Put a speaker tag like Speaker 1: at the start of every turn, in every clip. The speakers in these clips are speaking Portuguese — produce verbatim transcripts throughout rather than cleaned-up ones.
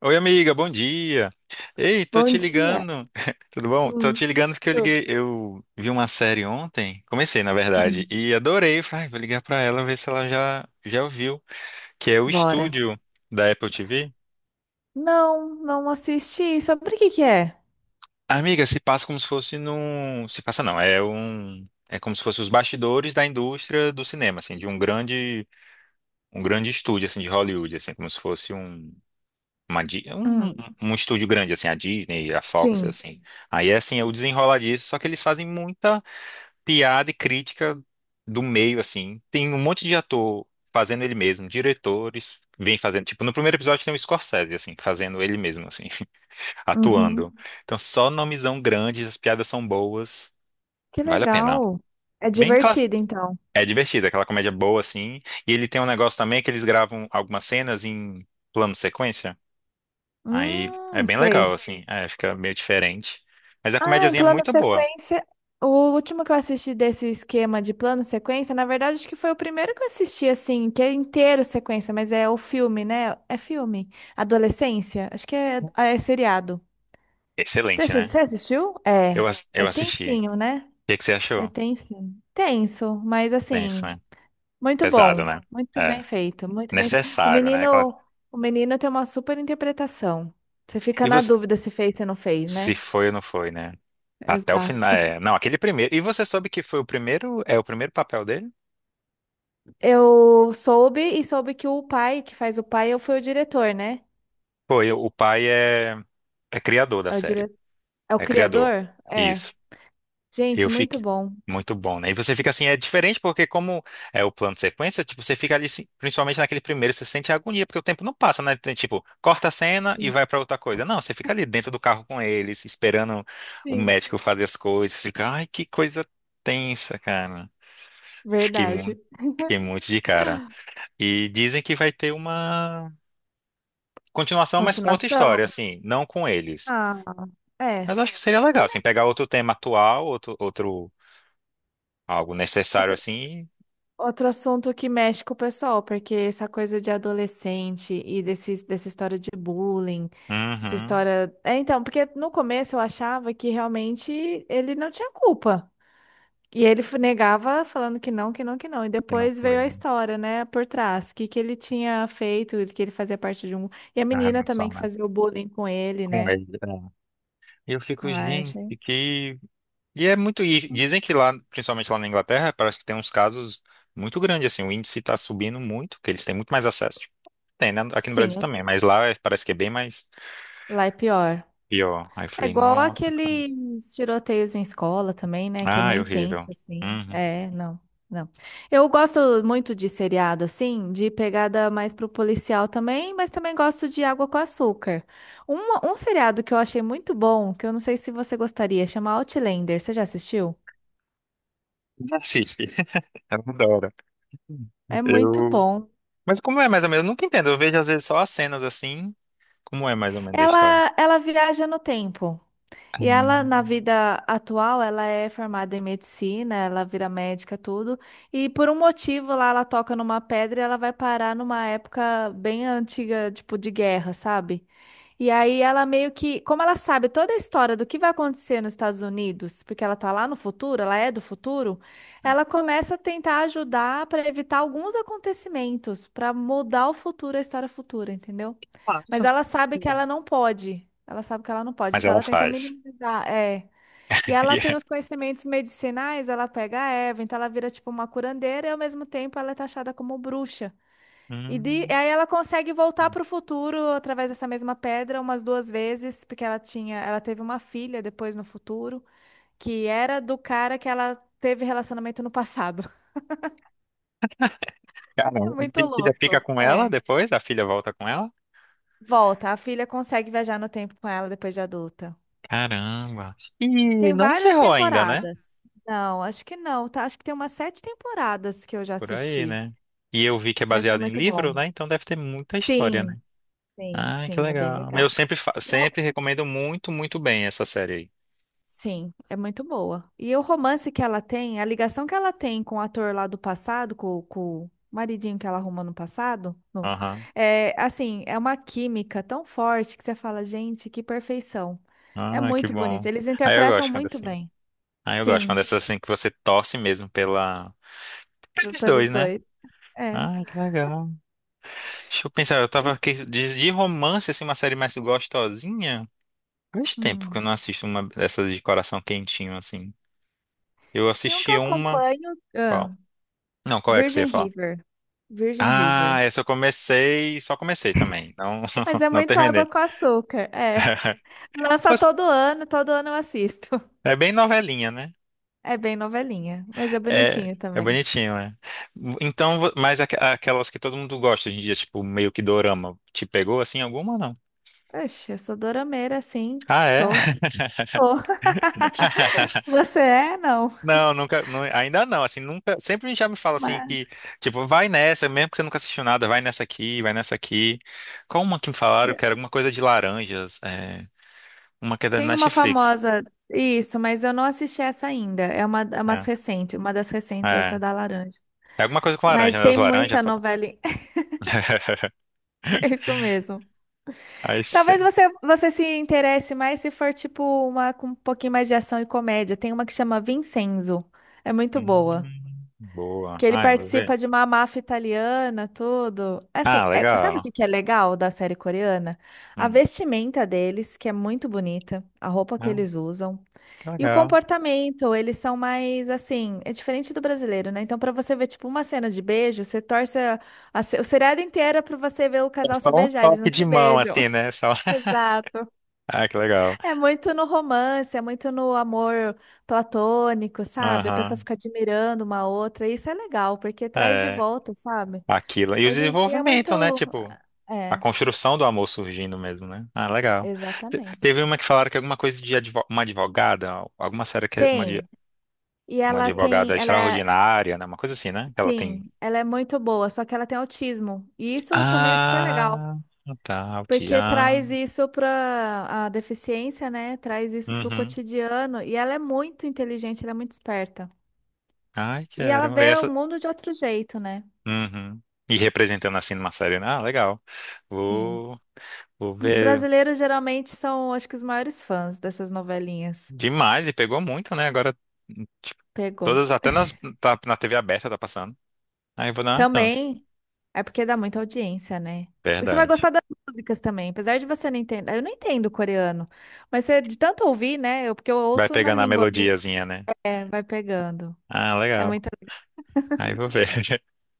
Speaker 1: Oi, amiga, bom dia. Ei, tô
Speaker 2: Bom
Speaker 1: te
Speaker 2: dia.
Speaker 1: ligando. Tudo bom? Tô te
Speaker 2: Hum,
Speaker 1: ligando porque eu
Speaker 2: hum,
Speaker 1: liguei, eu vi uma série ontem, comecei na verdade,
Speaker 2: hum,
Speaker 1: e adorei. Falei, "Ai, vou ligar pra ela ver se ela já já ouviu, que é o
Speaker 2: bora.
Speaker 1: Estúdio da Apple T V"
Speaker 2: Não, não assisti. Sobre o que que é?
Speaker 1: Amiga, se passa como se fosse num, se passa não, é um é como se fosse os bastidores da indústria do cinema, assim, de um grande um grande estúdio assim de Hollywood, assim, como se fosse um Uma, Di- um,
Speaker 2: Hum,
Speaker 1: um estúdio grande, assim, a Disney, a Fox,
Speaker 2: sim.
Speaker 1: assim. Aí, assim, é o
Speaker 2: Sim.
Speaker 1: desenrolar disso, só que eles fazem muita piada e crítica do meio, assim. Tem um monte de ator fazendo ele mesmo, diretores vêm fazendo. Tipo, no primeiro episódio tem o Scorsese, assim, fazendo ele mesmo, assim,
Speaker 2: Uhum.
Speaker 1: atuando. Então, só nomezão grande, as piadas são boas,
Speaker 2: Que
Speaker 1: vale a pena.
Speaker 2: legal. É
Speaker 1: Bem classe.
Speaker 2: divertido, então.
Speaker 1: É divertido, aquela comédia boa, assim. E ele tem um negócio também que eles gravam algumas cenas em plano sequência. Aí é
Speaker 2: Hum,
Speaker 1: bem
Speaker 2: sei.
Speaker 1: legal, assim. É, fica meio diferente. Mas a
Speaker 2: Ah, em
Speaker 1: comédiazinha é
Speaker 2: plano
Speaker 1: muito boa.
Speaker 2: sequência. O último que eu assisti desse esquema de plano sequência, na verdade, acho que foi o primeiro que eu assisti, assim, que é inteiro sequência, mas é o filme, né? É filme. Adolescência. Acho que é, é seriado. Você
Speaker 1: Excelente,
Speaker 2: assi-
Speaker 1: né?
Speaker 2: você assistiu? É.
Speaker 1: Eu, ass- eu
Speaker 2: É
Speaker 1: assisti.
Speaker 2: tensinho, né?
Speaker 1: O que que você
Speaker 2: É
Speaker 1: achou?
Speaker 2: tenso. Tenso, mas
Speaker 1: Tenso,
Speaker 2: assim,
Speaker 1: né?
Speaker 2: muito
Speaker 1: Pesado,
Speaker 2: bom.
Speaker 1: né?
Speaker 2: Muito
Speaker 1: É.
Speaker 2: bem feito, muito bem feito. O
Speaker 1: Necessário, né? Aquela...
Speaker 2: menino, o menino tem uma super interpretação. Você fica
Speaker 1: E
Speaker 2: na
Speaker 1: você.
Speaker 2: dúvida se fez, se não fez,
Speaker 1: Se
Speaker 2: né?
Speaker 1: foi ou não foi, né? Até o final.
Speaker 2: Exato.
Speaker 1: É. Não, aquele primeiro. E você soube que foi o primeiro. É o primeiro papel dele?
Speaker 2: Eu soube e soube que o pai, que faz o pai, eu fui o diretor, né?
Speaker 1: Foi. O pai é, é criador da
Speaker 2: É o dire...
Speaker 1: série.
Speaker 2: é o
Speaker 1: É criador.
Speaker 2: criador? É.
Speaker 1: Isso.
Speaker 2: Gente,
Speaker 1: Eu
Speaker 2: muito
Speaker 1: fiquei
Speaker 2: bom.
Speaker 1: muito bom, né? E você fica assim, é diferente porque como é o plano de sequência, tipo, você fica ali, assim, principalmente naquele primeiro, você sente a agonia, porque o tempo não passa, né? Tem, tipo, corta a cena e
Speaker 2: Sim.
Speaker 1: vai pra outra coisa. Não, você fica ali dentro do carro com eles, esperando o
Speaker 2: Sim.
Speaker 1: médico fazer as coisas. Você fica, ai, que coisa tensa, cara. Fiquei
Speaker 2: Verdade.
Speaker 1: muito, fiquei muito de cara. E dizem que vai ter uma continuação, mas com outra
Speaker 2: Continuação?
Speaker 1: história, assim, não com eles.
Speaker 2: Ah, é.
Speaker 1: Mas eu acho que seria legal, assim,
Speaker 2: Também.
Speaker 1: pegar outro tema atual, outro, outro algo necessário assim.
Speaker 2: Outro assunto que mexe com o pessoal, porque essa coisa de adolescente e desses, dessa história de bullying, essa
Speaker 1: Uhum.
Speaker 2: história. É, então, porque no começo eu achava que realmente ele não tinha culpa. E ele f- negava falando que não, que não, que não. E
Speaker 1: E não
Speaker 2: depois veio
Speaker 1: foi,
Speaker 2: a
Speaker 1: né?
Speaker 2: história, né, por trás, que que ele tinha feito, que ele fazia parte de um. E a
Speaker 1: A
Speaker 2: menina também
Speaker 1: relação,
Speaker 2: que
Speaker 1: né?
Speaker 2: fazia o bullying com ele,
Speaker 1: Com
Speaker 2: né?
Speaker 1: ele, né? E eu fico,
Speaker 2: Ah, eu
Speaker 1: gente,
Speaker 2: achei.
Speaker 1: que. E é muito. E dizem que lá, principalmente lá na Inglaterra, parece que tem uns casos muito grandes, assim. O índice tá subindo muito, que eles têm muito mais acesso. Tem, né? Aqui no Brasil
Speaker 2: Sim,
Speaker 1: também, mas lá é- parece que é bem mais
Speaker 2: lá é pior.
Speaker 1: pior. Aí eu
Speaker 2: É
Speaker 1: falei,
Speaker 2: igual
Speaker 1: nossa, cara.
Speaker 2: aqueles tiroteios em escola também, né? Que é
Speaker 1: Ah, é
Speaker 2: meio
Speaker 1: horrível.
Speaker 2: intenso, assim.
Speaker 1: Uhum.
Speaker 2: É, não, não. Eu gosto muito de seriado, assim, de pegada mais pro policial também, mas também gosto de Água com Açúcar. Um, um seriado que eu achei muito bom, que eu não sei se você gostaria, chama Outlander. Você já assistiu?
Speaker 1: Não assiste. Eu adoro.
Speaker 2: É muito
Speaker 1: Eu.
Speaker 2: bom.
Speaker 1: Mas como é mais ou menos? Eu nunca entendo. Eu vejo às vezes só as cenas assim. Como é mais ou menos a história?
Speaker 2: Ela, ela viaja no tempo. E ela, na vida atual, ela é formada em medicina, ela vira médica, tudo. E por um motivo lá, ela toca numa pedra e ela vai parar numa época bem antiga, tipo, de guerra, sabe? E aí ela meio que, como ela sabe toda a história do que vai acontecer nos Estados Unidos, porque ela tá lá no futuro, ela é do futuro, ela começa a tentar ajudar para evitar alguns acontecimentos, para mudar o futuro, a história futura, entendeu?
Speaker 1: Ah, você
Speaker 2: Mas
Speaker 1: não sabe
Speaker 2: ela sabe que
Speaker 1: cozinhar.
Speaker 2: ela não pode. Ela sabe que ela não pode,
Speaker 1: Mas
Speaker 2: então
Speaker 1: ela
Speaker 2: ela tenta
Speaker 1: faz.
Speaker 2: minimizar, é. E ela tem
Speaker 1: E-
Speaker 2: os conhecimentos medicinais, ela pega a erva, então ela vira tipo uma curandeira e ao mesmo tempo ela é taxada como bruxa. E de-
Speaker 1: Hum.
Speaker 2: e aí ela consegue voltar para o futuro através dessa mesma pedra umas duas vezes, porque ela tinha, ela teve uma filha depois no futuro, que era do cara que ela teve relacionamento no passado. É
Speaker 1: Caramba, e
Speaker 2: muito
Speaker 1: a filha fica
Speaker 2: louco.
Speaker 1: com ela
Speaker 2: É.
Speaker 1: depois? A filha volta com ela?
Speaker 2: Volta, a filha consegue viajar no tempo com ela depois de adulta.
Speaker 1: Caramba. E
Speaker 2: Tem
Speaker 1: não
Speaker 2: várias
Speaker 1: encerrou ainda, né?
Speaker 2: temporadas. Não, acho que não, tá? Acho que tem umas sete temporadas que eu já
Speaker 1: Por aí,
Speaker 2: assisti,
Speaker 1: né? E eu vi que é
Speaker 2: mas é
Speaker 1: baseado em
Speaker 2: muito bom.
Speaker 1: livro, né? Então deve ter muita história,
Speaker 2: Sim,
Speaker 1: né?
Speaker 2: sim,
Speaker 1: Ai, que
Speaker 2: sim, é bem
Speaker 1: legal. Mas eu
Speaker 2: legal.
Speaker 1: sempre, fa-
Speaker 2: E o ro-
Speaker 1: sempre recomendo muito, muito bem essa série aí.
Speaker 2: sim, é muito boa. E o romance que ela tem, a ligação que ela tem com o ator lá do passado, com, com o maridinho que ela arrumou no passado, no,
Speaker 1: Aham.
Speaker 2: é assim, é uma química tão forte que você fala, gente, que perfeição. É
Speaker 1: Ah, que
Speaker 2: muito bonito.
Speaker 1: bom.
Speaker 2: Eles
Speaker 1: Aí eu
Speaker 2: interpretam
Speaker 1: gosto quando é
Speaker 2: muito
Speaker 1: assim.
Speaker 2: bem.
Speaker 1: Aí eu gosto quando é
Speaker 2: Sim,
Speaker 1: assim que você torce mesmo pela...
Speaker 2: p-
Speaker 1: Pelos dois,
Speaker 2: pelos
Speaker 1: né?
Speaker 2: dois. É.
Speaker 1: Ai, que legal. Deixa eu
Speaker 2: E-
Speaker 1: pensar, eu tava
Speaker 2: e-
Speaker 1: aqui de, de romance, assim, uma série mais gostosinha. Faz tempo que eu
Speaker 2: hum.
Speaker 1: não assisto uma dessas de coração quentinho, assim. Eu
Speaker 2: Tem um que
Speaker 1: assisti
Speaker 2: eu
Speaker 1: uma.
Speaker 2: acompanho,
Speaker 1: Qual?
Speaker 2: ah,
Speaker 1: Não, qual é que você ia
Speaker 2: Virgin
Speaker 1: falar?
Speaker 2: River. Virgin
Speaker 1: Ah,
Speaker 2: River.
Speaker 1: essa eu comecei, só comecei também. Não,
Speaker 2: Mas é
Speaker 1: não
Speaker 2: muito
Speaker 1: terminei.
Speaker 2: água com açúcar. É. Lança
Speaker 1: Mas
Speaker 2: todo ano, todo ano eu assisto.
Speaker 1: é bem novelinha, né?
Speaker 2: É bem novelinha, mas é
Speaker 1: É,
Speaker 2: bonitinho
Speaker 1: é
Speaker 2: também.
Speaker 1: bonitinho, né? Então, vo- mas aqu- aquelas que todo mundo gosta hoje em dia, tipo, meio que dorama, te pegou assim alguma ou não?
Speaker 2: Oxe, eu sou dorameira, sim.
Speaker 1: Ah, é?
Speaker 2: Sou. Sou. Você é? Não.
Speaker 1: Não, nunca, não- ainda não, assim, nunca, sempre já me fala assim
Speaker 2: Mas-
Speaker 1: que, tipo, vai nessa, mesmo que você nunca assistiu nada, vai nessa aqui, vai nessa aqui. Qual uma que me falaram que era
Speaker 2: é,
Speaker 1: alguma coisa de laranjas, é, uma que é da
Speaker 2: Tem uma
Speaker 1: Netflix.
Speaker 2: famosa, isso, mas eu não assisti essa ainda. É uma, é
Speaker 1: É,
Speaker 2: umas recente, uma das recentes, essa
Speaker 1: é,
Speaker 2: da laranja.
Speaker 1: é alguma coisa com laranja,
Speaker 2: Mas
Speaker 1: né? Das
Speaker 2: tem
Speaker 1: laranjas.
Speaker 2: muita
Speaker 1: Fala...
Speaker 2: novela. É isso mesmo.
Speaker 1: Aí você...
Speaker 2: Talvez você, você se interesse mais se for tipo uma com um pouquinho mais de ação e comédia. Tem uma que chama Vincenzo. É muito boa.
Speaker 1: Hum, boa.
Speaker 2: Que ele
Speaker 1: Ai, vou ver.
Speaker 2: participa de uma máfia italiana, tudo. Assim,
Speaker 1: Ah,
Speaker 2: é- sabe o
Speaker 1: legal.
Speaker 2: que que é legal da série coreana? A
Speaker 1: Hum.
Speaker 2: vestimenta deles, que é muito bonita, a roupa que
Speaker 1: Ah,
Speaker 2: eles usam,
Speaker 1: que
Speaker 2: e o
Speaker 1: legal.
Speaker 2: comportamento, eles são mais assim, é diferente do brasileiro, né? Então, pra você ver tipo uma cena de beijo, você torce a, a, se- o seriado inteiro é pra você ver o
Speaker 1: É
Speaker 2: casal
Speaker 1: só
Speaker 2: se
Speaker 1: um
Speaker 2: beijar, eles não
Speaker 1: toque de
Speaker 2: se
Speaker 1: mão,
Speaker 2: beijam.
Speaker 1: assim, né? Só...
Speaker 2: Exato.
Speaker 1: Ah, que legal.
Speaker 2: É muito no romance, é muito no amor platônico, sabe? A pessoa
Speaker 1: Aham.
Speaker 2: fica admirando uma outra, e isso é legal, porque traz de
Speaker 1: É.
Speaker 2: volta, sabe?
Speaker 1: Aquilo. E o
Speaker 2: Hoje em dia é muito.
Speaker 1: desenvolvimento, né? Tipo. A
Speaker 2: É,
Speaker 1: construção do amor surgindo mesmo, né? Ah, legal. Te-
Speaker 2: exatamente.
Speaker 1: teve uma que falaram que alguma coisa de advo- uma advogada, alguma série que é uma, de-
Speaker 2: Tem. E
Speaker 1: uma
Speaker 2: ela tem.
Speaker 1: advogada
Speaker 2: Ela é.
Speaker 1: extraordinária, né? Uma coisa assim, né? Que ela tem.
Speaker 2: Sim, ela é muito boa, só que ela tem autismo. E isso também é super legal,
Speaker 1: Ah, tá, o
Speaker 2: porque
Speaker 1: Tian.
Speaker 2: traz isso para a deficiência, né? Traz isso para o
Speaker 1: Uhum.
Speaker 2: cotidiano. E ela é muito inteligente, ela é muito esperta.
Speaker 1: Ai,
Speaker 2: E ela
Speaker 1: quero.
Speaker 2: vê o
Speaker 1: Essa.
Speaker 2: mundo de outro jeito, né?
Speaker 1: Uhum. E representando assim numa série, né? Ah, legal.
Speaker 2: Sim.
Speaker 1: Vou, vou
Speaker 2: Os
Speaker 1: ver
Speaker 2: brasileiros geralmente são, acho que, os maiores fãs dessas novelinhas.
Speaker 1: demais e pegou muito, né? Agora, tipo,
Speaker 2: Pegou.
Speaker 1: todas, até nas, tá, na T V aberta tá passando. Aí eu vou dar uma chance.
Speaker 2: Também é porque dá muita audiência, né? E você vai
Speaker 1: Verdade.
Speaker 2: gostar das músicas também, apesar de você não entender. Eu não entendo coreano, mas você, de tanto ouvir, né? Eu, porque eu
Speaker 1: Vai
Speaker 2: ouço na
Speaker 1: pegando a
Speaker 2: língua mesmo,
Speaker 1: melodiazinha, né?
Speaker 2: é, vai pegando.
Speaker 1: Ah,
Speaker 2: É
Speaker 1: legal.
Speaker 2: muita.
Speaker 1: Aí vou ver.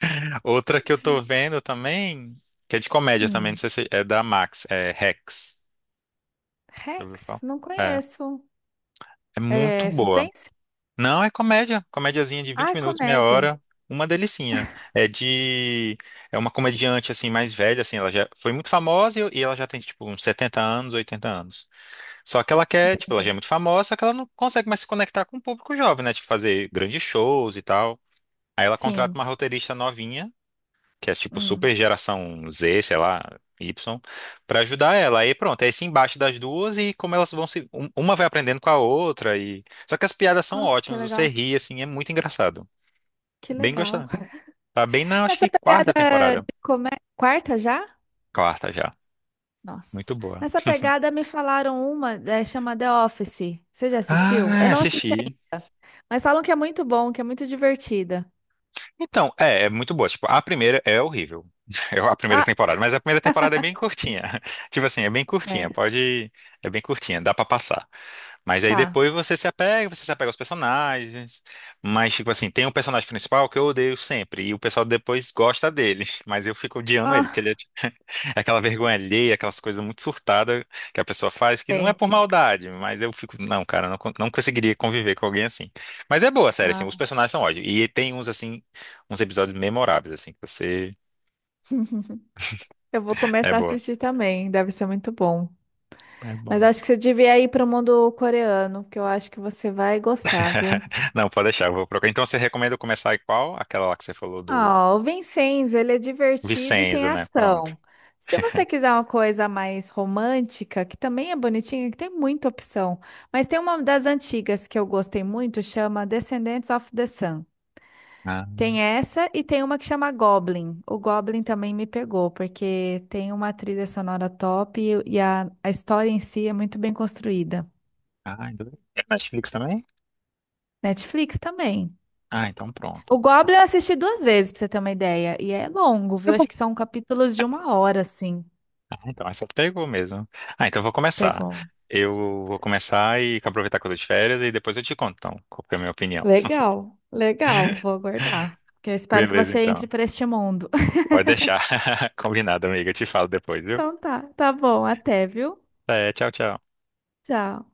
Speaker 1: Outra que eu tô vendo também, que é de comédia também, não
Speaker 2: Hum.
Speaker 1: sei se é da Max, é Rex. Já ouviu falar?
Speaker 2: Rex, não
Speaker 1: É,
Speaker 2: conheço.
Speaker 1: é muito
Speaker 2: É
Speaker 1: boa.
Speaker 2: suspense?
Speaker 1: Não, é comédia, comédiazinha de
Speaker 2: Ah,
Speaker 1: vinte
Speaker 2: é
Speaker 1: minutos, meia
Speaker 2: comédia.
Speaker 1: hora, uma delicinha. É de é uma comediante assim mais velha assim, ela já foi muito famosa e e ela já tem tipo uns setenta anos, oitenta anos. Só que ela quer, tipo, ela já
Speaker 2: Entendi.
Speaker 1: é muito famosa, só que ela não consegue mais se conectar com o público jovem, né? Tipo fazer grandes shows e tal. Aí ela contrata
Speaker 2: Sim.
Speaker 1: uma roteirista novinha que é tipo super
Speaker 2: Hum.
Speaker 1: geração Z, sei lá, Y, pra ajudar ela. Aí pronto, é esse embate das duas e como elas vão se. um- Uma vai aprendendo com a outra e. Só que as piadas são
Speaker 2: Nossa, que
Speaker 1: ótimas, você
Speaker 2: legal.
Speaker 1: ri, assim, é muito engraçado.
Speaker 2: Que
Speaker 1: Bem
Speaker 2: legal.
Speaker 1: gostado. Tá bem na, acho
Speaker 2: Nessa
Speaker 1: que quarta
Speaker 2: pegada
Speaker 1: temporada.
Speaker 2: de comédia, quarta já?
Speaker 1: Quarta já.
Speaker 2: Nossa.
Speaker 1: Muito boa.
Speaker 2: Nessa pegada me falaram uma, é, chama The Office. Você já assistiu? Eu
Speaker 1: Ah,
Speaker 2: não assisti
Speaker 1: assisti.
Speaker 2: ainda, mas falam que é muito bom, que é muito divertida.
Speaker 1: Então, é, é muito boa. Tipo, a primeira é horrível. É a primeira
Speaker 2: Ah,
Speaker 1: temporada, mas a primeira temporada é bem curtinha. Tipo assim, é bem curtinha,
Speaker 2: sério.
Speaker 1: pode, é bem curtinha, dá pra passar. Mas aí
Speaker 2: Tá.
Speaker 1: depois você se apega, você se apega aos personagens. Mas tipo assim, tem um personagem principal que eu odeio sempre e o pessoal depois gosta dele, mas eu fico odiando ele porque ele é,
Speaker 2: Ah,
Speaker 1: tipo, é aquela vergonha alheia, aquelas coisas muito surtadas que a pessoa faz que não é
Speaker 2: bem.
Speaker 1: por maldade, mas eu fico, não, cara, não, con- não conseguiria conviver com alguém assim. Mas é boa a série, assim, os
Speaker 2: Ah,
Speaker 1: personagens são ótimos e tem uns assim uns episódios memoráveis, assim, que você.
Speaker 2: eu vou
Speaker 1: É
Speaker 2: começar a
Speaker 1: boa.
Speaker 2: assistir também, deve ser muito bom.
Speaker 1: É
Speaker 2: Mas
Speaker 1: bom.
Speaker 2: acho que você devia ir para o mundo coreano, que eu acho que você vai gostar, viu?
Speaker 1: Não, pode deixar, eu vou procurar. Então você recomenda eu começar em qual? Aquela lá que você falou do
Speaker 2: Ah, o Vincenzo, ele é divertido e tem
Speaker 1: Vicenzo, né? Pronto.
Speaker 2: ação. Se você quiser uma coisa mais romântica, que também é bonitinha, que tem muita opção, mas tem uma das antigas que eu gostei muito, chama Descendants of the Sun.
Speaker 1: Ah,
Speaker 2: Tem essa e tem uma que chama Goblin. O Goblin também me pegou, porque tem uma trilha sonora top e, e a, a história em si é muito bem construída.
Speaker 1: ah, então- é Netflix também?
Speaker 2: Netflix também.
Speaker 1: Ah, então pronto.
Speaker 2: O Goblin eu assisti duas vezes, pra você ter uma ideia, e é longo,
Speaker 1: Tá
Speaker 2: viu?
Speaker 1: bom.
Speaker 2: Acho que são capítulos de uma hora, assim.
Speaker 1: Ah, então essa pegou mesmo. Ah, então eu vou começar.
Speaker 2: Pegou.
Speaker 1: Eu vou começar e aproveitar que eu tô de férias e depois eu te conto, então, qual que é a minha opinião.
Speaker 2: Legal, legal. Vou aguardar. Porque eu espero que
Speaker 1: Beleza,
Speaker 2: você entre
Speaker 1: então.
Speaker 2: para este mundo.
Speaker 1: Pode deixar. Combinado, amiga. Eu te falo depois, viu?
Speaker 2: Então tá, tá bom. Até, viu?
Speaker 1: É, tchau, tchau.
Speaker 2: Tchau.